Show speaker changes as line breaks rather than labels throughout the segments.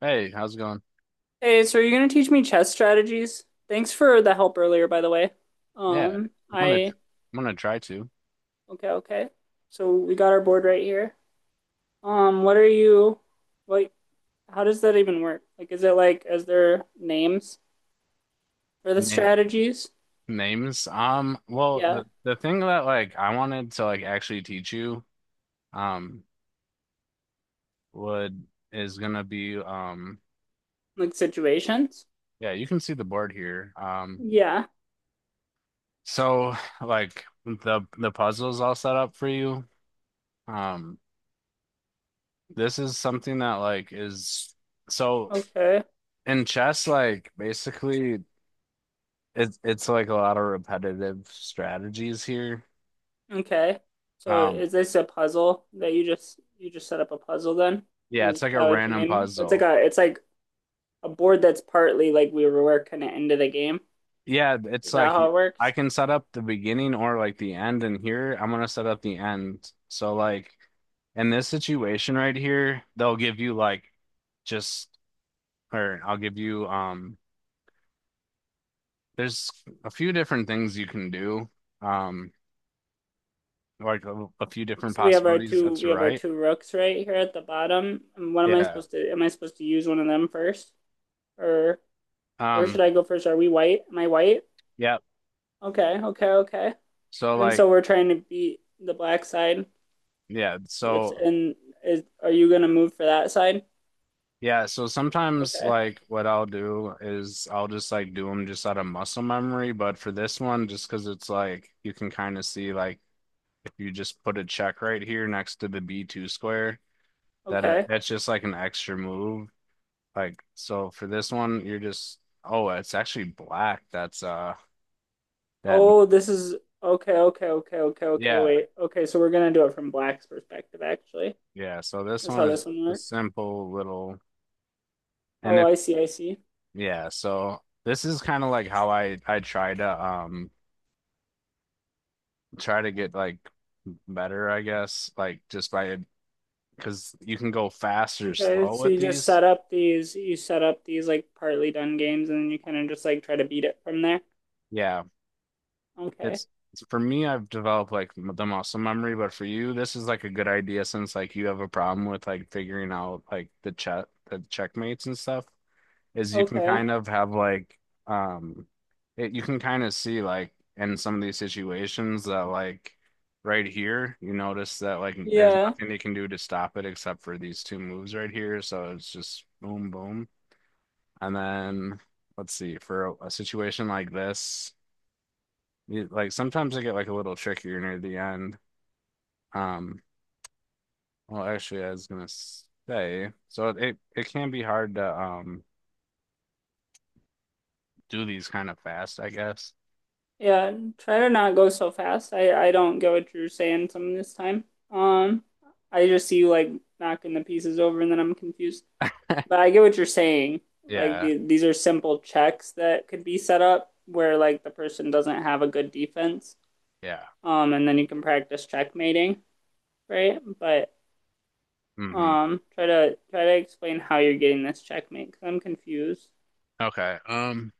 Hey, how's it going?
Hey, so are you going to teach me chess strategies? Thanks for the help earlier, by the way.
Yeah,
Um,
I'm gonna
I,
I'm gonna try to
okay, okay. So we got our board right here. What are you, like, how does that even work? Like, is it like, is there names for the
name
strategies?
names. Well,
Yeah,
the thing that like I wanted to like actually teach you um would is gonna be
like situations?
yeah, you can see the board here. Um,
Yeah,
so like the puzzle's all set up for you. Um, this is something that like is so
okay,
in chess like basically it's like a lot of repetitive strategies here.
okay. So
Um,
is this a puzzle that you just set up a puzzle then?
Yeah,
Is
it's like a
that what you
random
mean?
puzzle.
It's like a board that's partly like we were working it into the game.
Yeah, it's
Is that
like
how it
I
works?
can set up the beginning or like the end, and here I'm gonna set up the end. So like in this situation right here, they'll give you like just or I'll give you there's a few different things you can do. Um like a few different
So we have our
possibilities.
two
That's
we have our
right.
two rooks right here at the bottom. And what am I
Yeah.
supposed to am I supposed to use one of them first? Or where should
Um
I go first? Are we white? Am I white?
yeah.
Okay, okay, okay.
So
And
like
so we're trying to beat the black side.
yeah,
That's and is Are you gonna move for that side?
yeah, so sometimes
Okay.
like what I'll do is I'll just like do them just out of muscle memory, but for this one, just because it's like you can kind of see like if you just put a check right here next to the B2 square, that
Okay.
that's just like an extra move. Like so for this one, you're just oh, it's actually black. That's that
Oh, this is Okay, okay, okay, okay, okay,
yeah,
wait. Okay, so we're gonna do it from black's perspective actually.
yeah. So this
That's
one
how
is
this one
a
works.
simple little and
Oh,
if
I see, I see.
yeah. So this is kind of like how I try to try to get like better, I guess, like just by because you can go fast or
Okay,
slow
so
with
you just
these.
set up these like partly done games and then you kind of just like try to beat it from there.
Yeah,
Okay.
it's for me, I've developed like the muscle memory, but for you, this is like a good idea since like you have a problem with like figuring out like the checkmates and stuff. Is You can
Okay.
kind of have like um it, you can kind of see like in some of these situations that like right here you notice that like there's
Yeah.
nothing they can do to stop it except for these two moves right here, so it's just boom boom, and then let's see for a situation like this, you, like sometimes they get like a little trickier near the end. um well actually I was gonna say so it can be hard to do these kind of fast I guess.
Yeah. Try to not go so fast. I don't get what you're saying some of this time. Um, I just see you like knocking the pieces over and then I'm confused. But I get what you're saying. Like
Yeah.
these are simple checks that could be set up where like the person doesn't have a good defense.
Yeah.
And then you can practice checkmating, right? But
Hmm.
Try to explain how you're getting this checkmate because I'm confused.
Okay.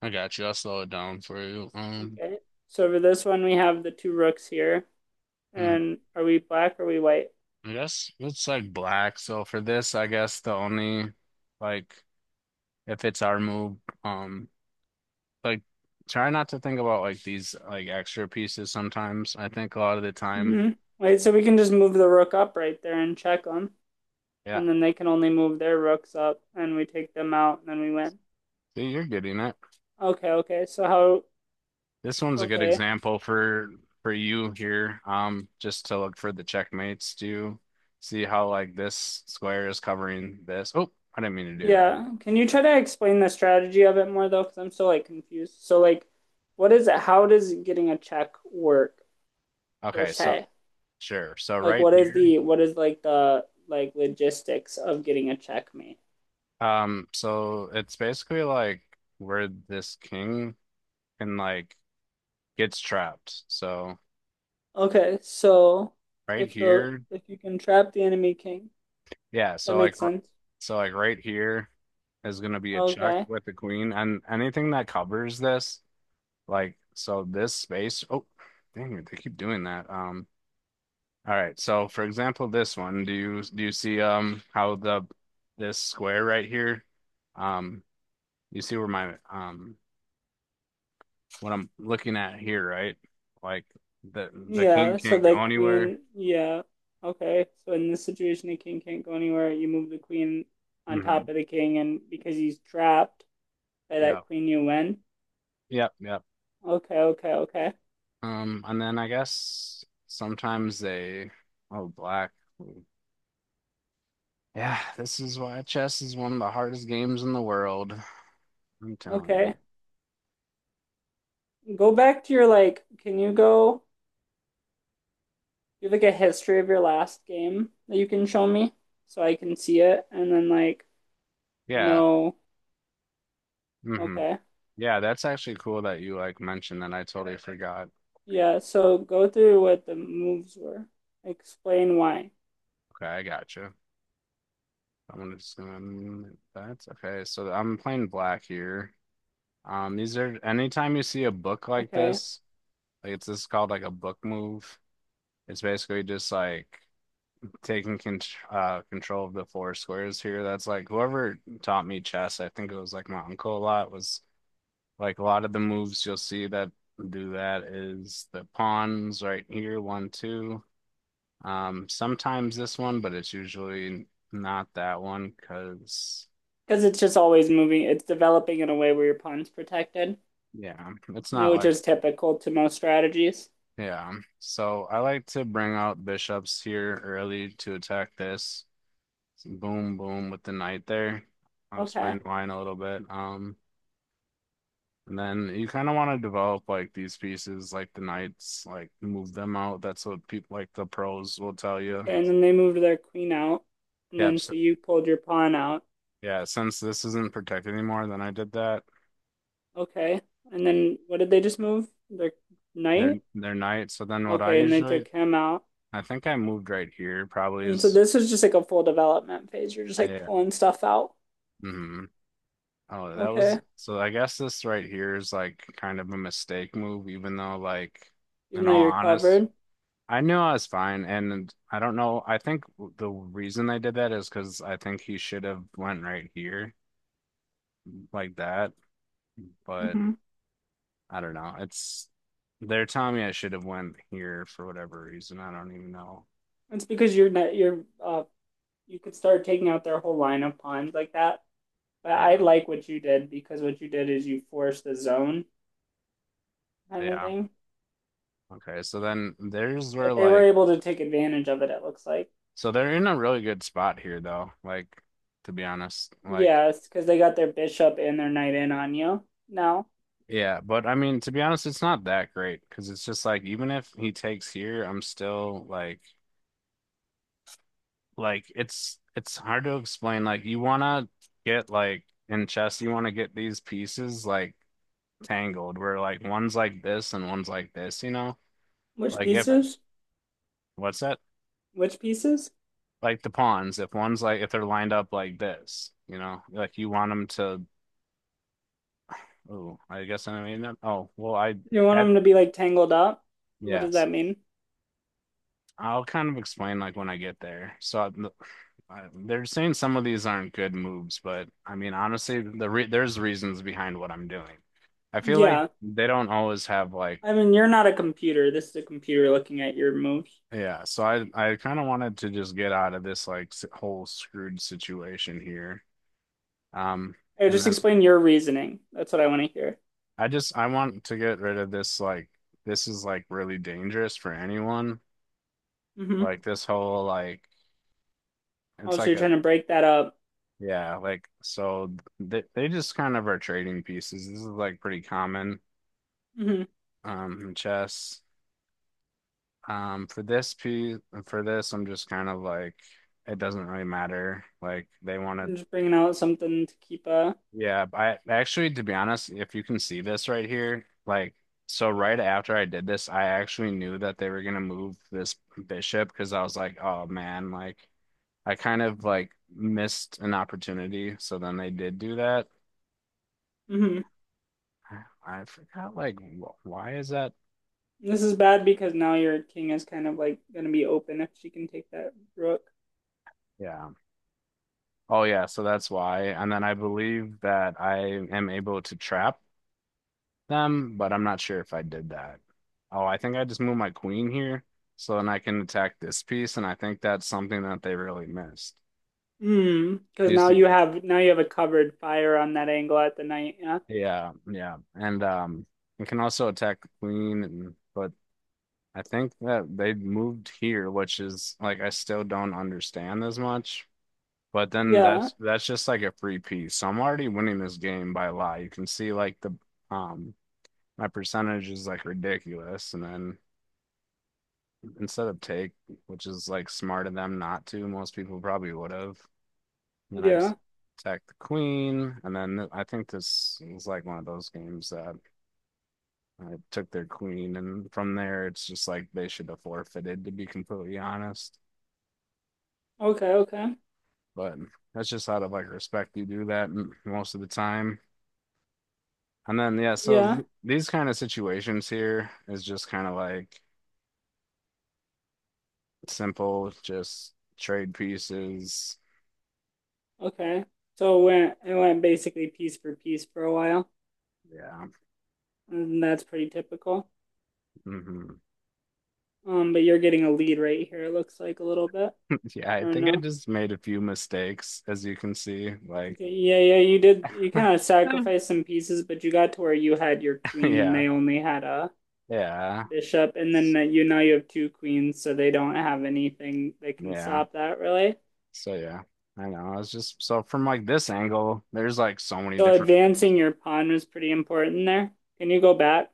I got you. I'll slow it down for you. Um,
Okay. So for this one, we have the two rooks here,
mm,
and are we black or are we white?
I guess it's like black. So for this, I guess the only like if it's our move, um, like try not to think about like these like extra pieces sometimes. I think a lot of the time,
Hmm. Wait, so we can just move the rook up right there and check them,
yeah.
and then they can only move their rooks up, and we take them out, and then we win.
See, you're getting it.
Okay, okay. So how?
This one's a good
Okay,
example for you here. Just to look for the checkmates to see how like this square is covering this. Oh, I didn't mean to do that.
yeah. Can you try to explain the strategy of it more though? Because I'm so like confused. So like, what is it? How does getting a check work per
Okay, so.
se?
Sure. So
Like
right here,
what is like the like logistics of getting a checkmate?
so it's basically like where this king can like gets trapped. So
Okay, so
right
if the
here,
if you can trap the enemy king,
yeah.
that
So like,
makes sense.
so like right here is gonna be a check
Okay.
with the queen, and anything that covers this, like, so this space. Oh, dang it, they keep doing that. All right. So for example, this one, do you see how the this square right here, um, you see where my what I'm looking at here, right? Like the king
Yeah, so
can't
the
go anywhere.
queen, yeah. Okay. So in this situation the king can't go anywhere. You move the queen on top
Hmm.
of the king and because he's trapped by
Yeah.
that queen you win.
Yep. Yep.
Okay, okay, okay.
And then I guess sometimes they, oh, black. Yeah, this is why chess is one of the hardest games in the world. I'm telling you.
Okay. Go back to your like can you go you have like a history of your last game that you can show me so I can see it and then like
Yeah.
no,
Hmm.
okay.
Yeah, that's actually cool that you like mentioned that. I totally forgot.
Yeah, so go through what the moves were, explain why,
Okay, I gotcha. I'm just gonna That's okay. So I'm playing black here. These are anytime you see a book like
okay.
this, like it's this called like a book move. It's basically just like taking con control of the four squares here. That's like whoever taught me chess, I think it was like my uncle a lot, was like a lot of the moves you'll see that do that is the pawns right here, one, two. Sometimes this one, but it's usually not that one because
Because it's just always moving, it's developing in a way where your pawn's protected,
yeah, it's not
which
like
is typical to most strategies.
yeah. So I like to bring out bishops here early to attack this. Boom boom with the knight there. I'll
Okay,
explain mine a little bit. And then you kind of want to develop like these pieces, like the knights, like move them out. That's what people like the pros will tell you.
okay. And then they moved their queen out, and
Yeah,
then so you pulled your pawn out.
yeah. Since this isn't protected anymore, then I did that.
Okay. And then what did they just move their
They're
knight?
they're knights. So then what I
Okay, and they
usually,
took him out.
I think I moved right here. Probably
And so
is
this is just like a full development phase. You're just like
yeah.
pulling stuff out,
Hmm. Oh, that was
okay?
so. I guess this right here is like kind of a mistake move, even though like
Even
in
though
all
you're
honest.
covered,
I knew I was fine, and I don't know. I think the reason they did that is because I think he should have went right here like that, but
hmm
I don't know. It's they're telling me I should have went here for whatever reason. I don't even know.
it's because you're not you're you could start taking out their whole line of pawns like that. But
Yeah,
I like what you did because what you did is you forced the zone kind of
yeah.
thing.
Okay, so then there's where
But they were
like
able to take advantage of it. It looks like,
so they're in a really good spot here though. Like to be honest, like
yes, yeah, because they got their bishop and their knight in on you now.
yeah, but I mean to be honest, it's not that great because it's just like even if he takes here, I'm still like. Like it's hard to explain. Like you wanna get like in chess, you wanna get these pieces like tangled where like one's like this and one's like this, you know?
Which
Like if
pieces?
what's that?
Which pieces?
Like the pawns, if one's like if they're lined up like this, you know, like you want them to oh, I guess I mean that. Oh, well I
You want
had
them to be like tangled up? What does
yes.
that mean?
I'll kind of explain like when I get there. So they're saying some of these aren't good moves, but I mean honestly, there's reasons behind what I'm doing. I feel like
Yeah,
they don't always have like
I mean, you're not a computer. This is a computer looking at your moves.
yeah, so I kind of wanted to just get out of this like whole screwed situation here. Um
Hey,
and
just
then
explain your reasoning. That's what I want to hear.
I just I want to get rid of this like this is like really dangerous for anyone.
Mm-hmm.
Like this whole like
Oh,
it's
so
like
you're
a
trying to break that up.
yeah, like so they just kind of are trading pieces. This is like pretty common
Mm-hmm.
in chess. For this piece for this I'm just kind of like it doesn't really matter. Like they want to
And just bringing out something to keep a.
yeah, I actually, to be honest, if you can see this right here, like, so right after I did this, I actually knew that they were gonna move this bishop because I was like, oh man, like, I kind of like missed an opportunity. So then they did do that.
Mm-hmm.
I I forgot, like, why is that?
This is bad because now your king is kind of like gonna be open if she can take that rook.
Yeah. Oh, yeah. So that's why. And then I believe that I am able to trap them, but I'm not sure if I did that. Oh, I think I just moved my queen here, so then I can attack this piece, and I think that's something that they really missed.
Hmm. Because
You
now
see,
you have a covered fire on that angle at the knight. Yeah.
yeah, yeah, and we can also attack the queen, and, but I think that they moved here, which is like I still don't understand as much. But then
Yeah.
that's just like a free piece. So I'm already winning this game by a lot. You can see like the um my percentage is like ridiculous, and then. Instead of take, which is like smart of them not to. Most people probably would have. And then I just
Yeah.
attacked the queen, and then I think this is like one of those games that I took their queen, and from there it's just like they should have forfeited, to be completely honest.
Okay. Okay.
But that's just out of like respect you do that most of the time. And then yeah, so
Yeah.
these kind of situations here is just kind of like simple, just trade pieces.
Okay. So it went basically piece for piece for a while,
Yeah.
and that's pretty typical.
Hmm.
But you're getting a lead right here, it looks like, a little bit.
Yeah, I
Or
think I
no?
just made a few mistakes, as you can see. Like,
Okay, yeah, yeah, you kind of sacrificed some pieces, but you got to where you had your queen and
yeah,
they only had a
yeah,
bishop, and then
s-
that you now you have two queens, so they don't have anything that can
yeah.
stop that really.
So, yeah, I know. I was just so from like this angle, there's like so many
So
different.
advancing your pawn was pretty important there. Can you go back?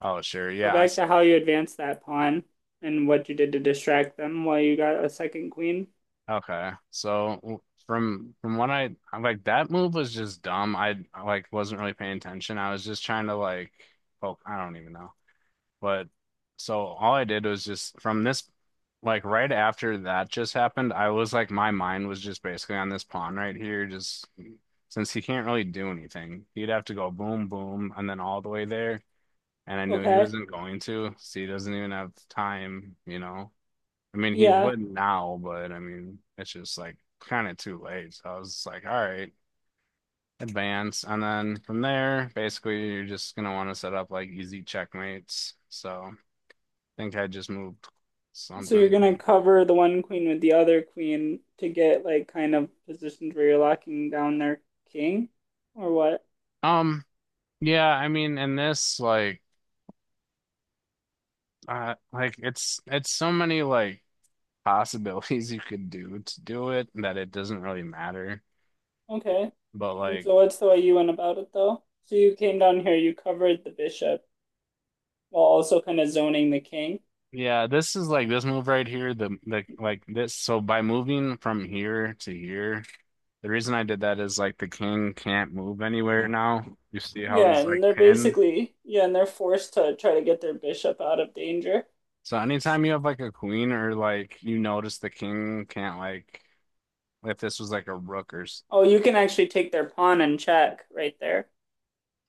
Oh, sure.
Go
Yeah. I
back
s
to how you advanced that pawn and what you did to distract them while you got a second queen.
Okay. From what I I'm like, that move was just dumb. Like wasn't really paying attention. I was just trying to like poke. I don't even know. But so all I did was just from this, like right after that just happened, I was like, my mind was just basically on this pawn right here. Just since he can't really do anything, he'd have to go boom, boom, and then all the way there. And I knew he
Okay.
wasn't going to, so he doesn't even have time, you know. I mean, he
Yeah.
would now, but I mean, it's just like kind of too late. So I was just like, all right, advance. And then from there, basically, you're just gonna want to set up like easy checkmates. So think I just moved
So you're
something.
gonna
Clean.
cover the one queen with the other queen to get like kind of positions where you're locking down their king, or what?
Um, yeah, I mean, in this, like it's so many like possibilities you could do to do it that it doesn't really matter.
Okay.
But
And
like,
so what's the way you went about it though? So you came down here, you covered the bishop while also kind of zoning the king.
yeah, this is like this move right here, the like this. So by moving from here to here, the reason I did that is like the king can't move anywhere now. You see how
Yeah,
he's
and
like
they're
pinned?
basically, yeah, and they're forced to try to get their bishop out of danger.
So anytime you have like a queen or like you notice the king can't like if this was like a rook or
Oh, you can actually take their pawn and check right there.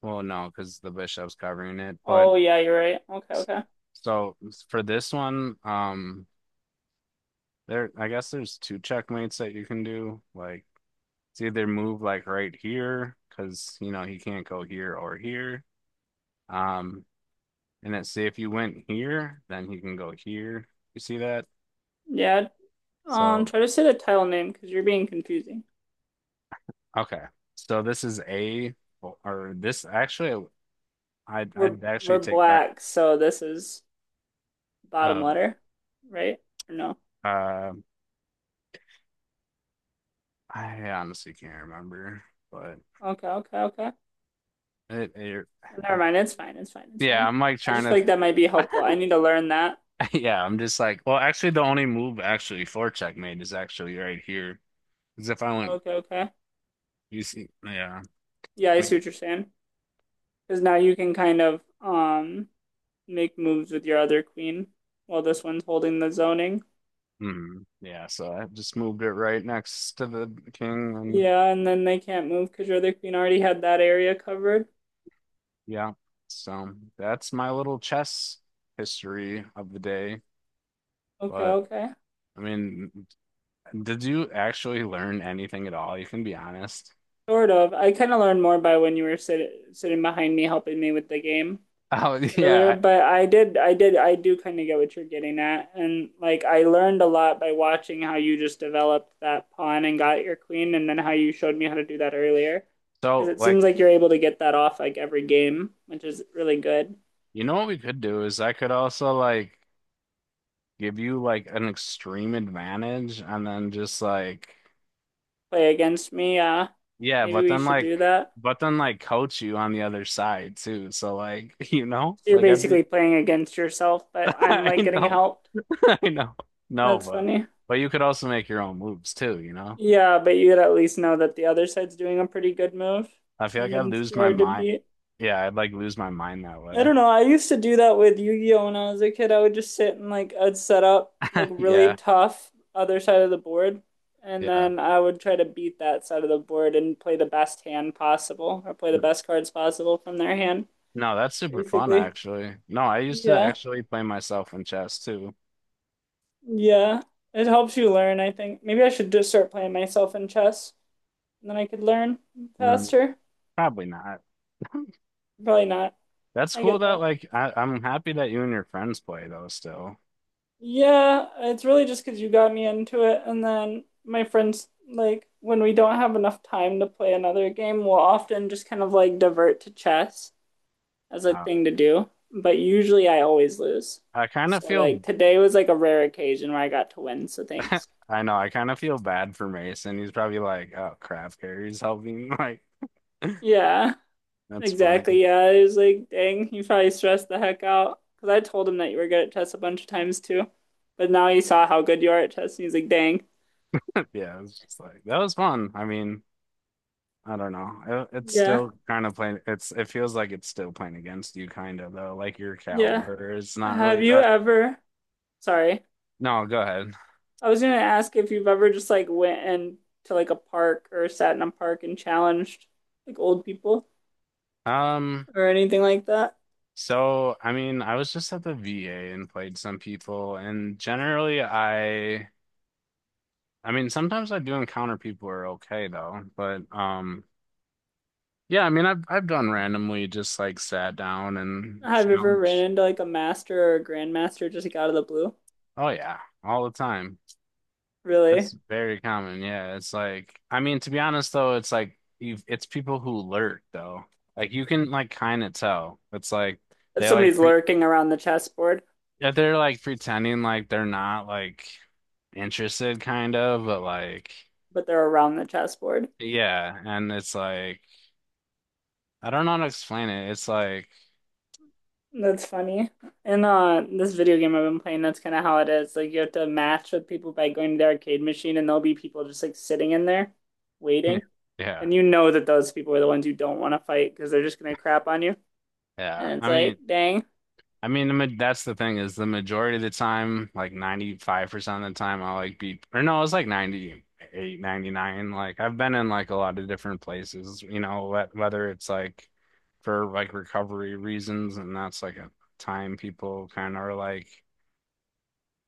well, no, because the bishop's covering it. But
Oh yeah, you're right. Okay, okay.
so for this one, there I guess there's two checkmates that you can do. Like it's either move like right here because you know he can't go here or here. Um, and then see if you went here, then he can go here. You see that?
Yeah.
So
Try to say the tile name because you're being confusing.
okay, so this is a or this actually I
We're
I'd actually
we're
take back
black, so this is bottom
uh
letter, right? Or no?
uh I honestly can't remember, but
Okay, okay, okay.
it, it,
Never
it-
mind. It's fine. It's fine. It's
yeah,
fine.
I'm like
I
trying
just
to,
feel like that might be helpful. I need to learn that.
yeah, I'm just like, well, actually, the only move actually for checkmate is actually right here. Because if I went,
Okay, okay.
you see, yeah,
Yeah,
I
I see
mean,
what you're saying. Because now you can kind of make moves with your other queen while this one's holding the zoning.
mhm, yeah, so I just moved it right next to the king, and
Yeah, and then they can't move because your other queen already had that area covered.
yeah, so that's my little chess history of the day.
Okay,
But
okay.
I mean, did you actually learn anything at all? You can be honest.
Sort of. I kind of learned more by when you were sitting behind me helping me with the game
Oh,
earlier,
yeah. I,
but I do kind of get what you're getting at. And like, I learned a lot by watching how you just developed that pawn and got your queen, and then how you showed me how to do that earlier. Because
so,
it
like,
seems like you're able to get that off like every game, which is really good.
you know what we could do is I could also like give you like an extreme advantage and then just like
Play against me,
yeah,
maybe we should do that.
but then like coach you on the other side too. So like you know,
So you're
like I'd be
basically playing against yourself, but I'm
I
like getting
know,
helped.
I know. No,
That's funny.
but you could also make your own moves too, you know?
Yeah, but you'd at least know that the other side's doing a pretty good move,
I feel like
and then
I'd
it's
lose
too
my
hard to
mind.
beat.
Yeah, I'd like lose my mind that
I
way.
don't know. I used to do that with Yu-Gi-Oh! When I was a kid. I would just sit and like I'd set up like really
Yeah,
tough other side of the board, and
yeah.
then I would try to beat that side of the board and play the best hand possible or play the best cards possible from their hand,
No, that's super fun
basically.
actually. No, I used to
Yeah.
actually play myself in chess too.
Yeah. It helps you learn, I think. Maybe I should just start playing myself in chess, and then I could learn
Mm.
faster.
Probably not.
Probably not.
That's
I
cool
get
that
that.
like I'm happy that you and your friends play though still.
Yeah, it's really just because you got me into it. And then my friends, like, when we don't have enough time to play another game, we'll often just kind of like divert to chess as a
Uh,
thing to do. But usually I always lose.
I kind of
So,
feel
like, today was like a rare occasion where I got to win. So, thanks.
I know, I kind of feel bad for Mason. He's probably like, oh crap, Carrie's helping. Like,
Yeah,
that's funny.
exactly. Yeah, it was like, dang, you probably stressed the heck out. Because I told him that you were good at chess a bunch of times too. But now he saw how good you are at chess and he's like, dang.
Yeah, it's just like that was fun. I mean, I don't know. It's
Yeah,
still kind of playing it's it feels like it's still playing against you kind of though, like your
yeah.
caliber. It's not really
Have you
that
ever? Sorry.
no, go ahead.
I was gonna ask if you've ever just like went and to like a park or sat in a park and challenged like old people
Um,
or anything like that.
so, I mean, I was just at the VA and played some people, and generally I mean, sometimes I do encounter people who are okay though, but yeah, I mean, I've done randomly just like sat down and
Have you ever ran
challenge.
into like a master or a grandmaster just like out of the blue?
Oh yeah, all the time.
Really?
That's very common. Yeah, it's like I mean, to be honest though, it's like you it's people who lurk though. Like you can like kind of tell. It's like
If
they like
somebody's
pre
lurking around the chessboard,
yeah, they're like pretending like they're not like interested, kind of, but like,
but they're around the chessboard.
yeah. And it's like, I don't know how to explain it. It's like,
That's funny. In this video game I've been playing, that's kind of how it is. Like you have to match with people by going to the arcade machine, and there'll be people just like sitting in there waiting,
yeah,
and you know that those people are the ones you don't want to fight because they're just gonna crap on you.
yeah.
And it's like, dang,
I mean, the, ma- that's the thing is the majority of the time, like 95% of the time, I'll like be, or no, it's like 98, 99. Like, I've been in like a lot of different places, you know, wh- whether it's like for like recovery reasons, and that's like a time people kind of are like,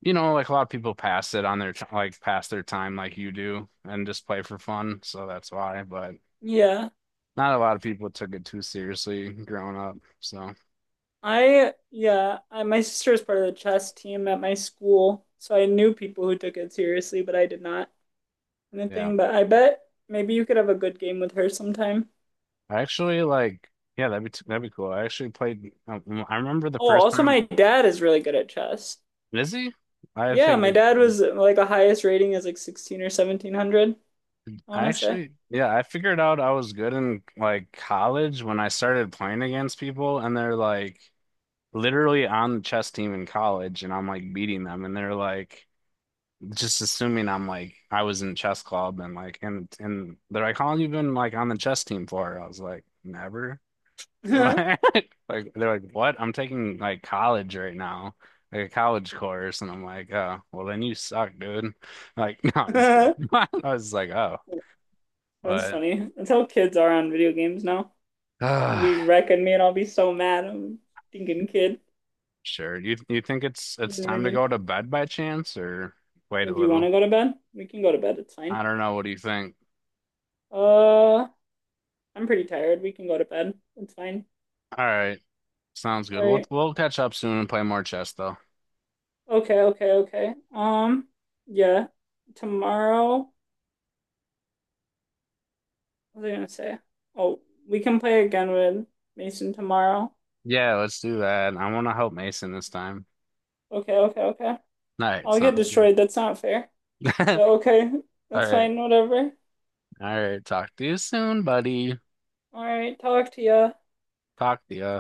you know, like a lot of people pass it on their t- like pass their time like you do and just play for fun. So that's why. But
yeah,
not a lot of people took it too seriously growing up. So
my sister was part of the chess team at my school, so I knew people who took it seriously, but I did not
yeah,
anything. But I bet maybe you could have a good game with her sometime.
I actually like yeah, that'd be t- that'd be cool. I actually played. I remember the
Oh,
first
also
time.
my dad is really good at chess.
Is he? I
Yeah, my
figured.
dad was like the highest rating is like 16 or 1700, I want
I
to say.
actually, yeah, I figured out I was good in like college when I started playing against people, and they're like literally on the chess team in college, and I'm like beating them, and they're like. Just assuming I'm like I was in chess club and like and they're like, how long you been like on the chess team for? I was like, never. Like they're like, what? I'm taking like college right now, like a college course, and I'm like, oh, well then you suck, dude. Like, no, I'm just kidding. I was like, oh,
That's
but
funny. That's how kids are on video games now.
uh,
We reckon me and I'll be so mad. I'm thinking kid.
sure. You think it's
You
it's
know what I
time to
mean?
go to bed by chance or wait
Yeah,
a
do you want
little?
to go to bed? We can go to bed. It's fine.
I don't know. What do you think?
Uh, I'm pretty tired. We can go to bed. It's fine.
All right, sounds good.
All
We'll
right.
we'll catch up soon and play more chess though.
Okay, okay, okay. Yeah. Tomorrow, what was I gonna say? Oh, we can play again with Mason tomorrow.
Yeah, let's do that. I want to help Mason this time.
Okay, okay, okay.
All right,
I'll get
sounds good.
destroyed. That's not fair. But okay,
All
that's
right.
fine. Whatever.
All right. Talk to you soon, buddy.
All right, talk to ya.
Talk to you.